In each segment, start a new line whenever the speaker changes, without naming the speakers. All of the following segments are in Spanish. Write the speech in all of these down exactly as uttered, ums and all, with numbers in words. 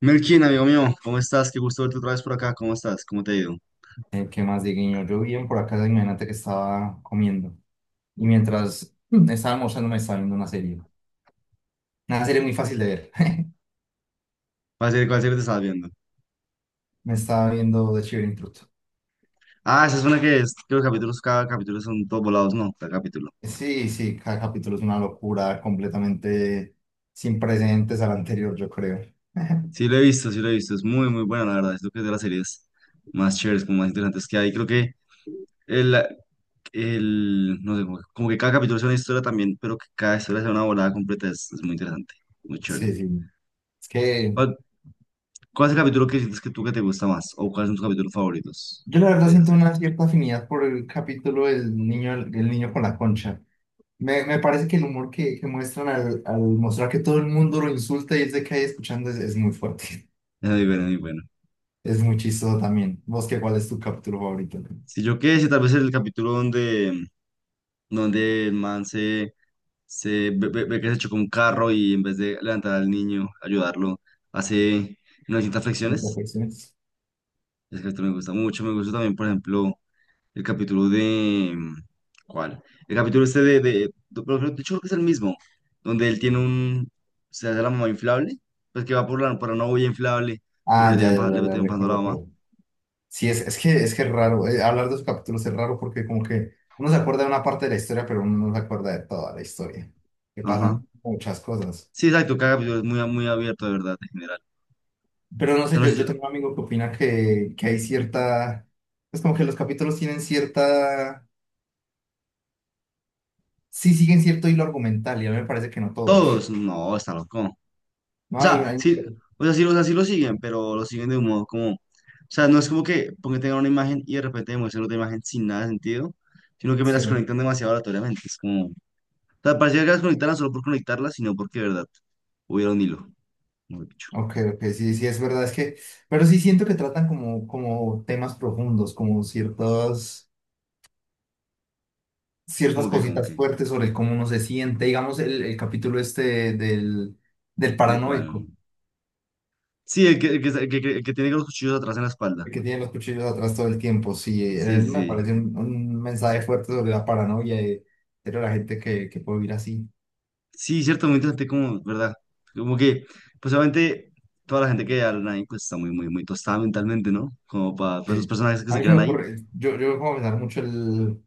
Melkin, amigo mío, ¿cómo estás? Qué gusto verte otra vez por acá. ¿Cómo estás? ¿Cómo te ha ido?
Eh, ¿Qué más, Dieguiño? Yo bien por acá, imagínate que estaba comiendo. Y mientras mm, estaba almorzando, me estaba viendo una serie. Una serie muy fácil de ver.
¿Cuál serie, cuál serie te estás viendo?
Me estaba viendo The Shivering Truth.
Ah, esa es una que es, que los capítulos, cada capítulo son todos volados, no, cada capítulo.
Sí, sí, cada capítulo es una locura completamente sin precedentes al anterior, yo creo.
Sí lo he visto, sí lo he visto, es muy, muy buena, la verdad. Es lo que es de las series más chéveres, como más interesantes que hay. Creo que el, el no sé, como, que como que cada capítulo es una historia también, pero que cada historia sea una volada completa, es, es muy interesante, muy chévere.
Sí, sí. Es que
¿Cuál, cuál es el capítulo que sientes que tú que te gusta más? ¿O cuáles son tus capítulos favoritos
yo la verdad
de esa
siento
serie?
una cierta afinidad por el capítulo del niño, el, niño con la concha. Me, me parece que el humor que, que muestran al, al mostrar que todo el mundo lo insulta y es de que ahí escuchando es, es muy fuerte.
Es muy bueno, muy bueno.
Es muy chistoso también. ¿Vos qué, cuál es tu capítulo favorito? ¿De
Si yo qué sé, tal vez el capítulo donde donde el man se, se ve, ve- ve que se chocó un carro y en vez de levantar al niño, ayudarlo, hace novecientas flexiones.
Perfecciones?
Ese capítulo me gusta mucho. Me gusta también, por ejemplo, el capítulo de... ¿Cuál? El capítulo este de... de, de, pero creo- de hecho, creo que es el mismo, donde él tiene un... Se hace la mamá inflable, pues que va por la, por una olla inflable, pero le
Ah, ya,
terminan,
ya,
pa- le
ya, ya,
terminan pagando a la
recuerdo
mamá.
cuál. Sí, es, es que es que es raro. Eh, hablar de los capítulos es raro porque como que uno se acuerda de una parte de la historia, pero uno no se acuerda de toda la historia. Que
Ajá.
pasan muchas cosas.
Sí, exacto, cada capítulo es muy, muy abierto, de verdad, en general.
Pero
O
no
sea,
sé,
no
yo,
sé si-
yo tengo un amigo que opina que, que hay cierta… Es como que los capítulos tienen cierta… Sí, siguen cierto hilo argumental y a mí me parece que no todos.
todos, no, está loco. O
No hay…
sea,
hay…
sí, o sea, sí, o sea, sí lo siguen, pero lo siguen de un modo como, o sea, no es como que porque tengan una imagen y de repente demuestren otra imagen sin nada de sentido, sino que me las
Sí.
conectan demasiado aleatoriamente. Es como, o sea, parecía que las conectaran solo por conectarlas, sino porque, de verdad, hubiera un hilo, mejor dicho.
Ok, ok, sí, sí, es verdad, es que, pero sí siento que tratan como, como temas profundos, como ciertas,
Como
ciertas
que, como que,
cositas fuertes sobre cómo uno se siente, digamos, el, el capítulo este del, del
¿de cuál?
paranoico,
Sí, el que, el que, el que, el que tiene los cuchillos atrás en la espalda.
el que tiene los cuchillos atrás todo el tiempo, sí, eh,
Sí, sí,
me parece
sí.
un, un mensaje fuerte sobre la paranoia de, de la gente que, que puede vivir así,
Sí, cierto, muy interesante, como, ¿verdad? Como que, pues obviamente, toda la gente que habla ahí, pues está muy, muy, muy tostada mentalmente, ¿no? Como para, sus
que
personajes que
a
se
mí se me
quedan ahí.
ocurre, yo, yo voy a pensar mucho el,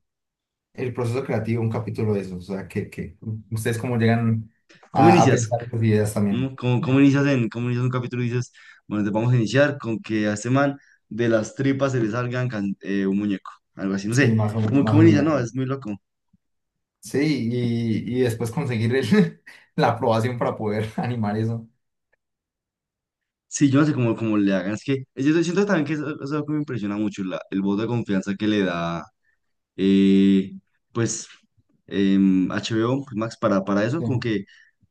el proceso creativo, un capítulo de eso. O sea, que, que ustedes cómo llegan
¿Cómo
a, a
inicias?
pensar esas ideas también.
¿No? ¿Cómo, cómo inicias en, cómo inicias un capítulo y dices, bueno, te vamos a iniciar con que a este man de las tripas se le salgan can- eh, un muñeco, algo así, no
Sí,
sé,
más o,
¿cómo,
más
cómo
o
inicia?
menos.
No, es muy loco.
Sí, y, y después conseguir el- la aprobación para poder animar eso.
Sí, yo no sé cómo, cómo le hagan, es que es- yo siento también que eso, eso es algo que me impresiona mucho, la- el voto de confianza que le da, eh, pues, em, H B O, pues, Max, para, para, eso, como
Sí,
que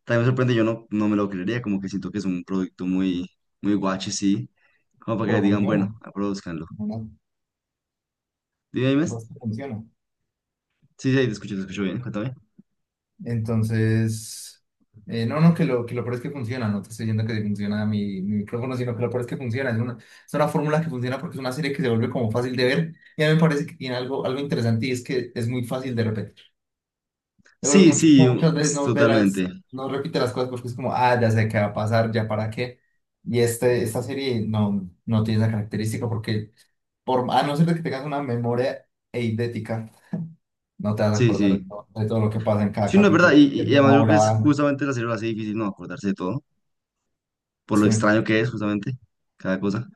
también me sorprende, yo no, no me lo creería, como que siento que es un producto muy, muy guache, sí, como para que
pero
le digan,
funciona,
bueno, produzcanlo.
¿verdad?
Dime, dime.
Basta, funciona.
Sí, sí, ahí te escucho, te escucho bien, cuéntame.
Entonces, eh, no, no, que lo, que lo peor es que funciona, no te estoy diciendo que funciona mi, mi micrófono, sino que lo peor es que funciona. Es una, es una fórmula que funciona porque es una serie que se vuelve como fácil de ver. Y a mí me parece que tiene algo, algo interesante y es que es muy fácil de repetir. Yo creo
Sí,
que mucho-
sí,
como
u-
muchas veces no ve las,
totalmente.
no repite las cosas porque es como, ah, ya sé qué va a pasar, ya para qué. Y este, esta serie no, no tiene esa característica porque, por, a no ser de que tengas una memoria eidética, no te vas a
Sí,
acordar de
sí.
todo, de todo lo que pasa en cada
Sí, no es verdad. Y,
capítulo.
y
Es
y
una
además yo creo que es
volada.
justamente la serie lo hace difícil no acordarse de todo, por lo
Sí,
extraño que es justamente cada cosa.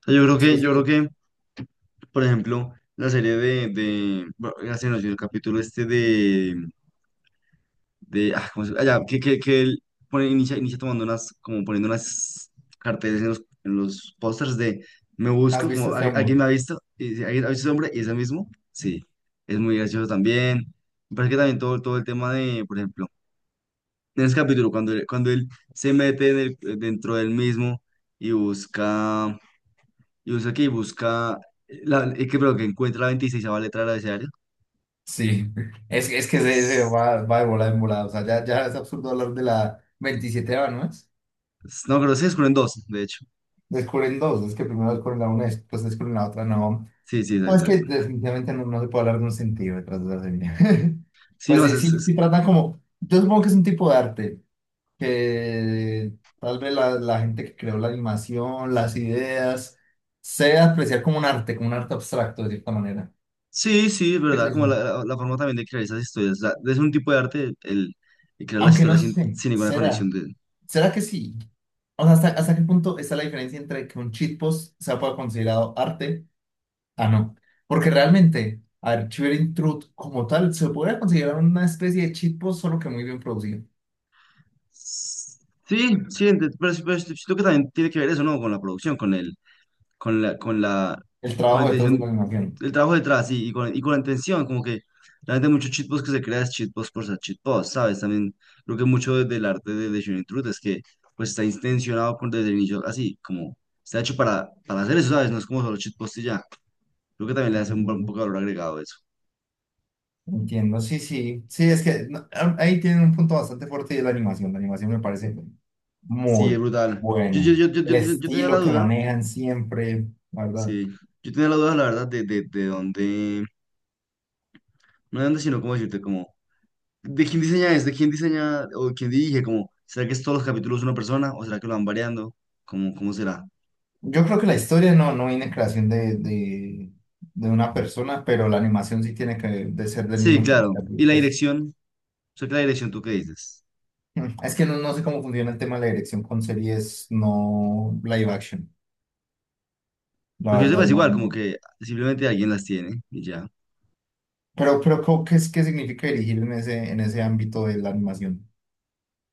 O sea, yo creo
sí,
que, yo
sí.
creo que, por ejemplo, la serie de, de, bueno, ya se nos dio el capítulo este de, ah, ¿cómo se- ah, ya, que, que, que él pone, inicia, inicia tomando unas, como poniendo unas carteles en los, en los pósters de me
¿Has
busco,
visto
como
este
"Al- alguien
hombre?
me ha visto", y dice, "alguien ha visto ese hombre", y ese mismo, sí, es muy gracioso también. Me parece que también todo, todo el tema de, por ejemplo, en ese capítulo, cuando él, cuando él se mete en el- dentro del mismo y busca, y busca que busca, la, eh, que, pero que encuentra la vigesimosexta letra del abecedario.
Sí. Es, es que se, se
Es-
va, va de volada en volada. O sea, ya, ya es absurdo hablar de la veintisiete ¿no es?
es- No, creo que se descubren dos, de hecho.
Descubren dos. Es que primero descubren la una, después descubren la otra, no.
Sí, sí,
No, es
exacto.
que
Exacto.
definitivamente no, no se puede hablar de un sentido detrás de la serie.
Sí,
Pues
no, es,
sí, sí, sí
es-
tratan como, yo supongo que es un tipo de arte, que tal vez la, la gente que creó la animación, las ideas, se apreciar como un arte, como un arte abstracto de cierta manera.
Sí, sí, es
¿Qué es
verdad, como
eso?
la, la- la forma también de crear esas historias. La- es un tipo de arte el, el crear las
Aunque no
historias sin,
sé,
sin ninguna conexión
¿será?
de...
¿Será que sí? O sea, ¿hasta, hasta qué punto está la diferencia entre que un cheat post sea pueda considerado arte? Ah, no. Porque realmente, a ver, Cheer Truth como tal se podría considerar una especie de cheat post, solo que muy bien producido.
Sí, sí, ente- pero, sí- pero sí, siento que también tiene que ver eso, ¿no? Con la producción, con el, con la, con la,
El
con la
trabajo detrás de la
intención,
animación.
el trabajo detrás y, y con, y con la intención, como que realmente muchos cheatposts que se crean es cheatposts por ser cheatposts, ¿sabes? También creo que mucho de- del arte de, de Shooting Truth es que pues está intencionado con, desde el inicio así, como está hecho para, para hacer eso, ¿sabes? No es como solo cheatpost y ya. Creo que también le hace un, un
Entiendo.
poco de valor agregado eso.
Entiendo, sí, sí. Sí, es que no, ah, ahí tienen un punto bastante fuerte y es la animación. La animación me parece
Sí, es
muy
brutal. Yo, yo,
bueno.
yo, yo, yo,
El
yo- yo tenía la
estilo que
duda,
manejan siempre, la ¿verdad?
sí, yo tenía la duda, la verdad, de, de, de dónde, no de dónde, sino cómo decirte, como, de quién diseña es, de quién diseña o quién dirige, como, ¿será que es todos los capítulos una persona o será que lo van variando? ¿Cómo, cómo será?
Yo creo que la historia no, no viene en creación de, de, de una persona, pero la animación sí tiene que de ser del mismo
Sí,
equipo
claro. ¿Y
creativo,
la
pues.
dirección? O sea, que la dirección, ¿tú qué dices?
Mm, Es que no, no sé cómo funciona el tema de la dirección con series no live action, la
Porque yo sepa,
verdad
es
no.
igual, como que simplemente alguien las tiene y ya.
Pero, pero ¿cómo- ¿qué es, qué significa dirigir en ese, en ese ámbito de la animación?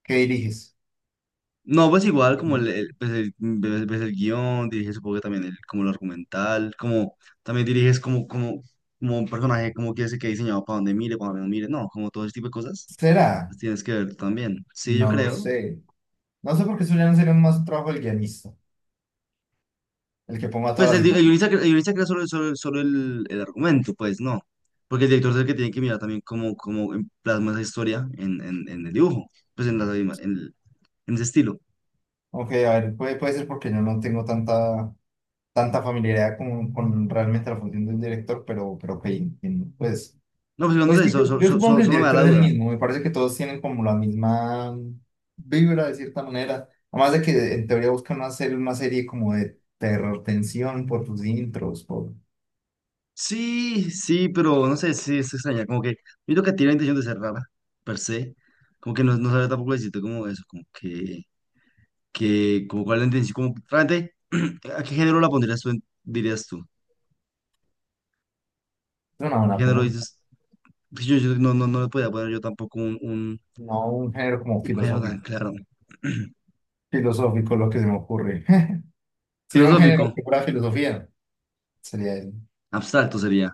¿Qué diriges?
No, pues igual como el, el- pues el, pues- pues el guión, diriges supongo que también el, como lo argumental, como también diriges como, como, como un personaje, como quieres que quede diseñado para donde mire, para donde no mire, no, como todo ese tipo de cosas,
¿Será?
las tienes que ver tú también. Sí, yo
No lo
creo.
sé. No sé por qué eso ya no sería más un trabajo del guionista, el que ponga
Pues
toda la
el, di- el
dinámica.
guionista, cre- el guionista crea solo, solo, solo el, el argumento, pues no, porque el director es el que tiene que mirar también cómo, cómo em- plasma esa historia en, en, en el dibujo, pues en, la, en, el- en ese estilo.
Ok, a ver, puede, puede ser porque yo no tengo tanta, tanta familiaridad con, con realmente la función del director, pero, pero ok, entiendo. Pues
No, pues igual no
Pues
sé,
sí, yo,
so- so-
yo
so-
supongo
so-
que el
solo me da la
director es el
duda.
mismo, me parece que todos tienen como la misma vibra de cierta manera, además de que en teoría buscan hacer una serie como de terror, tensión por sus intros, por…
Sí, sí, pero no sé, sí, es extraña. Como que yo creo que tiene la intención de ser rara, per se. Como que no, no sabe tampoco decirte como eso, como que, que como cuál es la intención, sí, como realmente, ¿a qué género la pondrías tú, en- dirías tú?
Es una
¿Qué
buena
género
pregunta,
dices? Que Yo, yo no, no, no le podía poner yo tampoco un, un,
no un género como
un género tan
filosófico,
claro.
filosófico lo que se me ocurre. Si era un género
Filosófico,
que fuera filosofía, sería eso.
abstracto sería.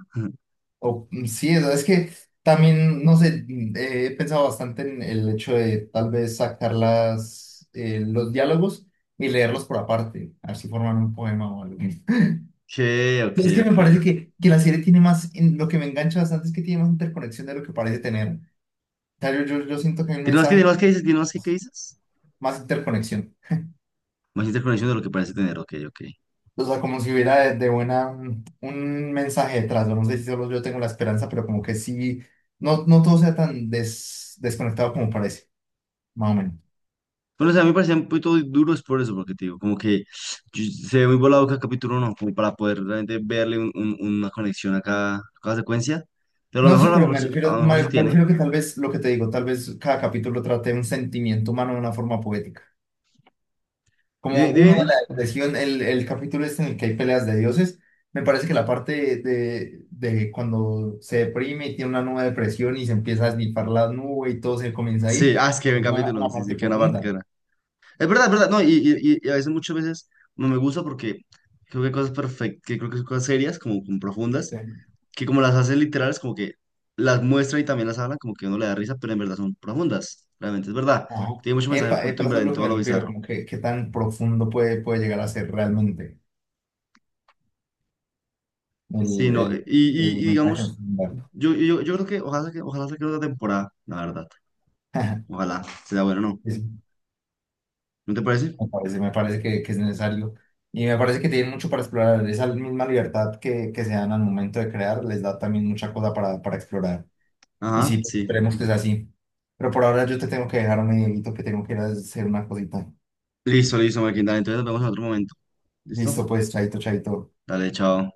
O, mm, sí, o sea, es que también, no sé, mm, eh, he pensado bastante en el hecho de tal vez sacar las, eh, los diálogos y leerlos por aparte, así formar un poema o algo.
Ok, ok,
Pues Es que me
ok.
parece que, que la serie tiene más, en- lo que me engancha bastante es que tiene más interconexión de lo que parece tener. O sea, yo, yo, yo siento que hay un
¿Tienes más que, tienes
mensaje
más que dices? ¿Tienes más que, qué
más,
dices?
más interconexión.
Más interconexión de lo que parece tener, ok, ok.
O sea, como si hubiera de, de buena mm, un mensaje detrás. No sé si solo yo tengo la esperanza, pero como que sí, no, no todo sea tan des- desconectado como parece. Más o menos.
Bueno, o sea, a mí me parecían un poquito duros por eso, porque te digo, como que yo- se ve muy volado cada capítulo uno, como para poder realmente verle un- un- una conexión a cada, a cada secuencia. Pero a lo
No,
mejor,
sí,
a lo
pero
mejor,
me
sí- a
refiero,
lo mejor
me,
sí
me
tiene.
refiero que tal vez lo que te digo, tal vez cada capítulo trate un sentimiento humano de una forma poética. Como
¿Dime?
uno de
¿Dime?
la depresión, el, el capítulo este en el que hay peleas de dioses, me parece que la parte de, de cuando se deprime y tiene una nueva depresión y se empieza a esnifar la nube y todo se comienza a
Sí,
ir,
ah, es que ven
tiene una,
capítulo,
una
sí, sí,
parte
que una parte que
profunda.
era. Es verdad, es verdad, no, y, y, y y a veces, muchas veces, no me gusta porque creo que hay cosas perfectas, que creo que son cosas serias, como, como profundas,
Sí.
que como las hacen literales, como que las muestran y también las hablan, como que uno le da risa, pero en verdad son profundas, realmente, es verdad.
Ajá.
Tiene mucho mensaje
Epa,
oculto
epa,
en
eso es
verdad en
lo que
todo
me
lo
refiero,
bizarro.
como que qué tan profundo puede, puede llegar a ser realmente el,
Sí, no, eh,
el,
y, y-
el
y
mensaje.
digamos, yo, yo, yo creo que ojalá que ojalá saque otra temporada, la verdad. Ojalá, sea bueno, ¿no?
Sí. Sí.
¿No te parece?
Me parece, me parece que, que es necesario. Y me parece que tienen mucho para explorar. Esa misma libertad que, que se dan al momento de crear les da también mucha cosa para, para explorar. Y
Ajá,
sí,
sí.
esperemos que sea así. Pero por ahora yo te tengo que dejar un medidito que tengo que ir a hacer una cosita.
Listo, listo, Marquín, dale, entonces nos vemos en otro momento. ¿Listo?
Listo, pues, chaito, chaito.
Dale, chao.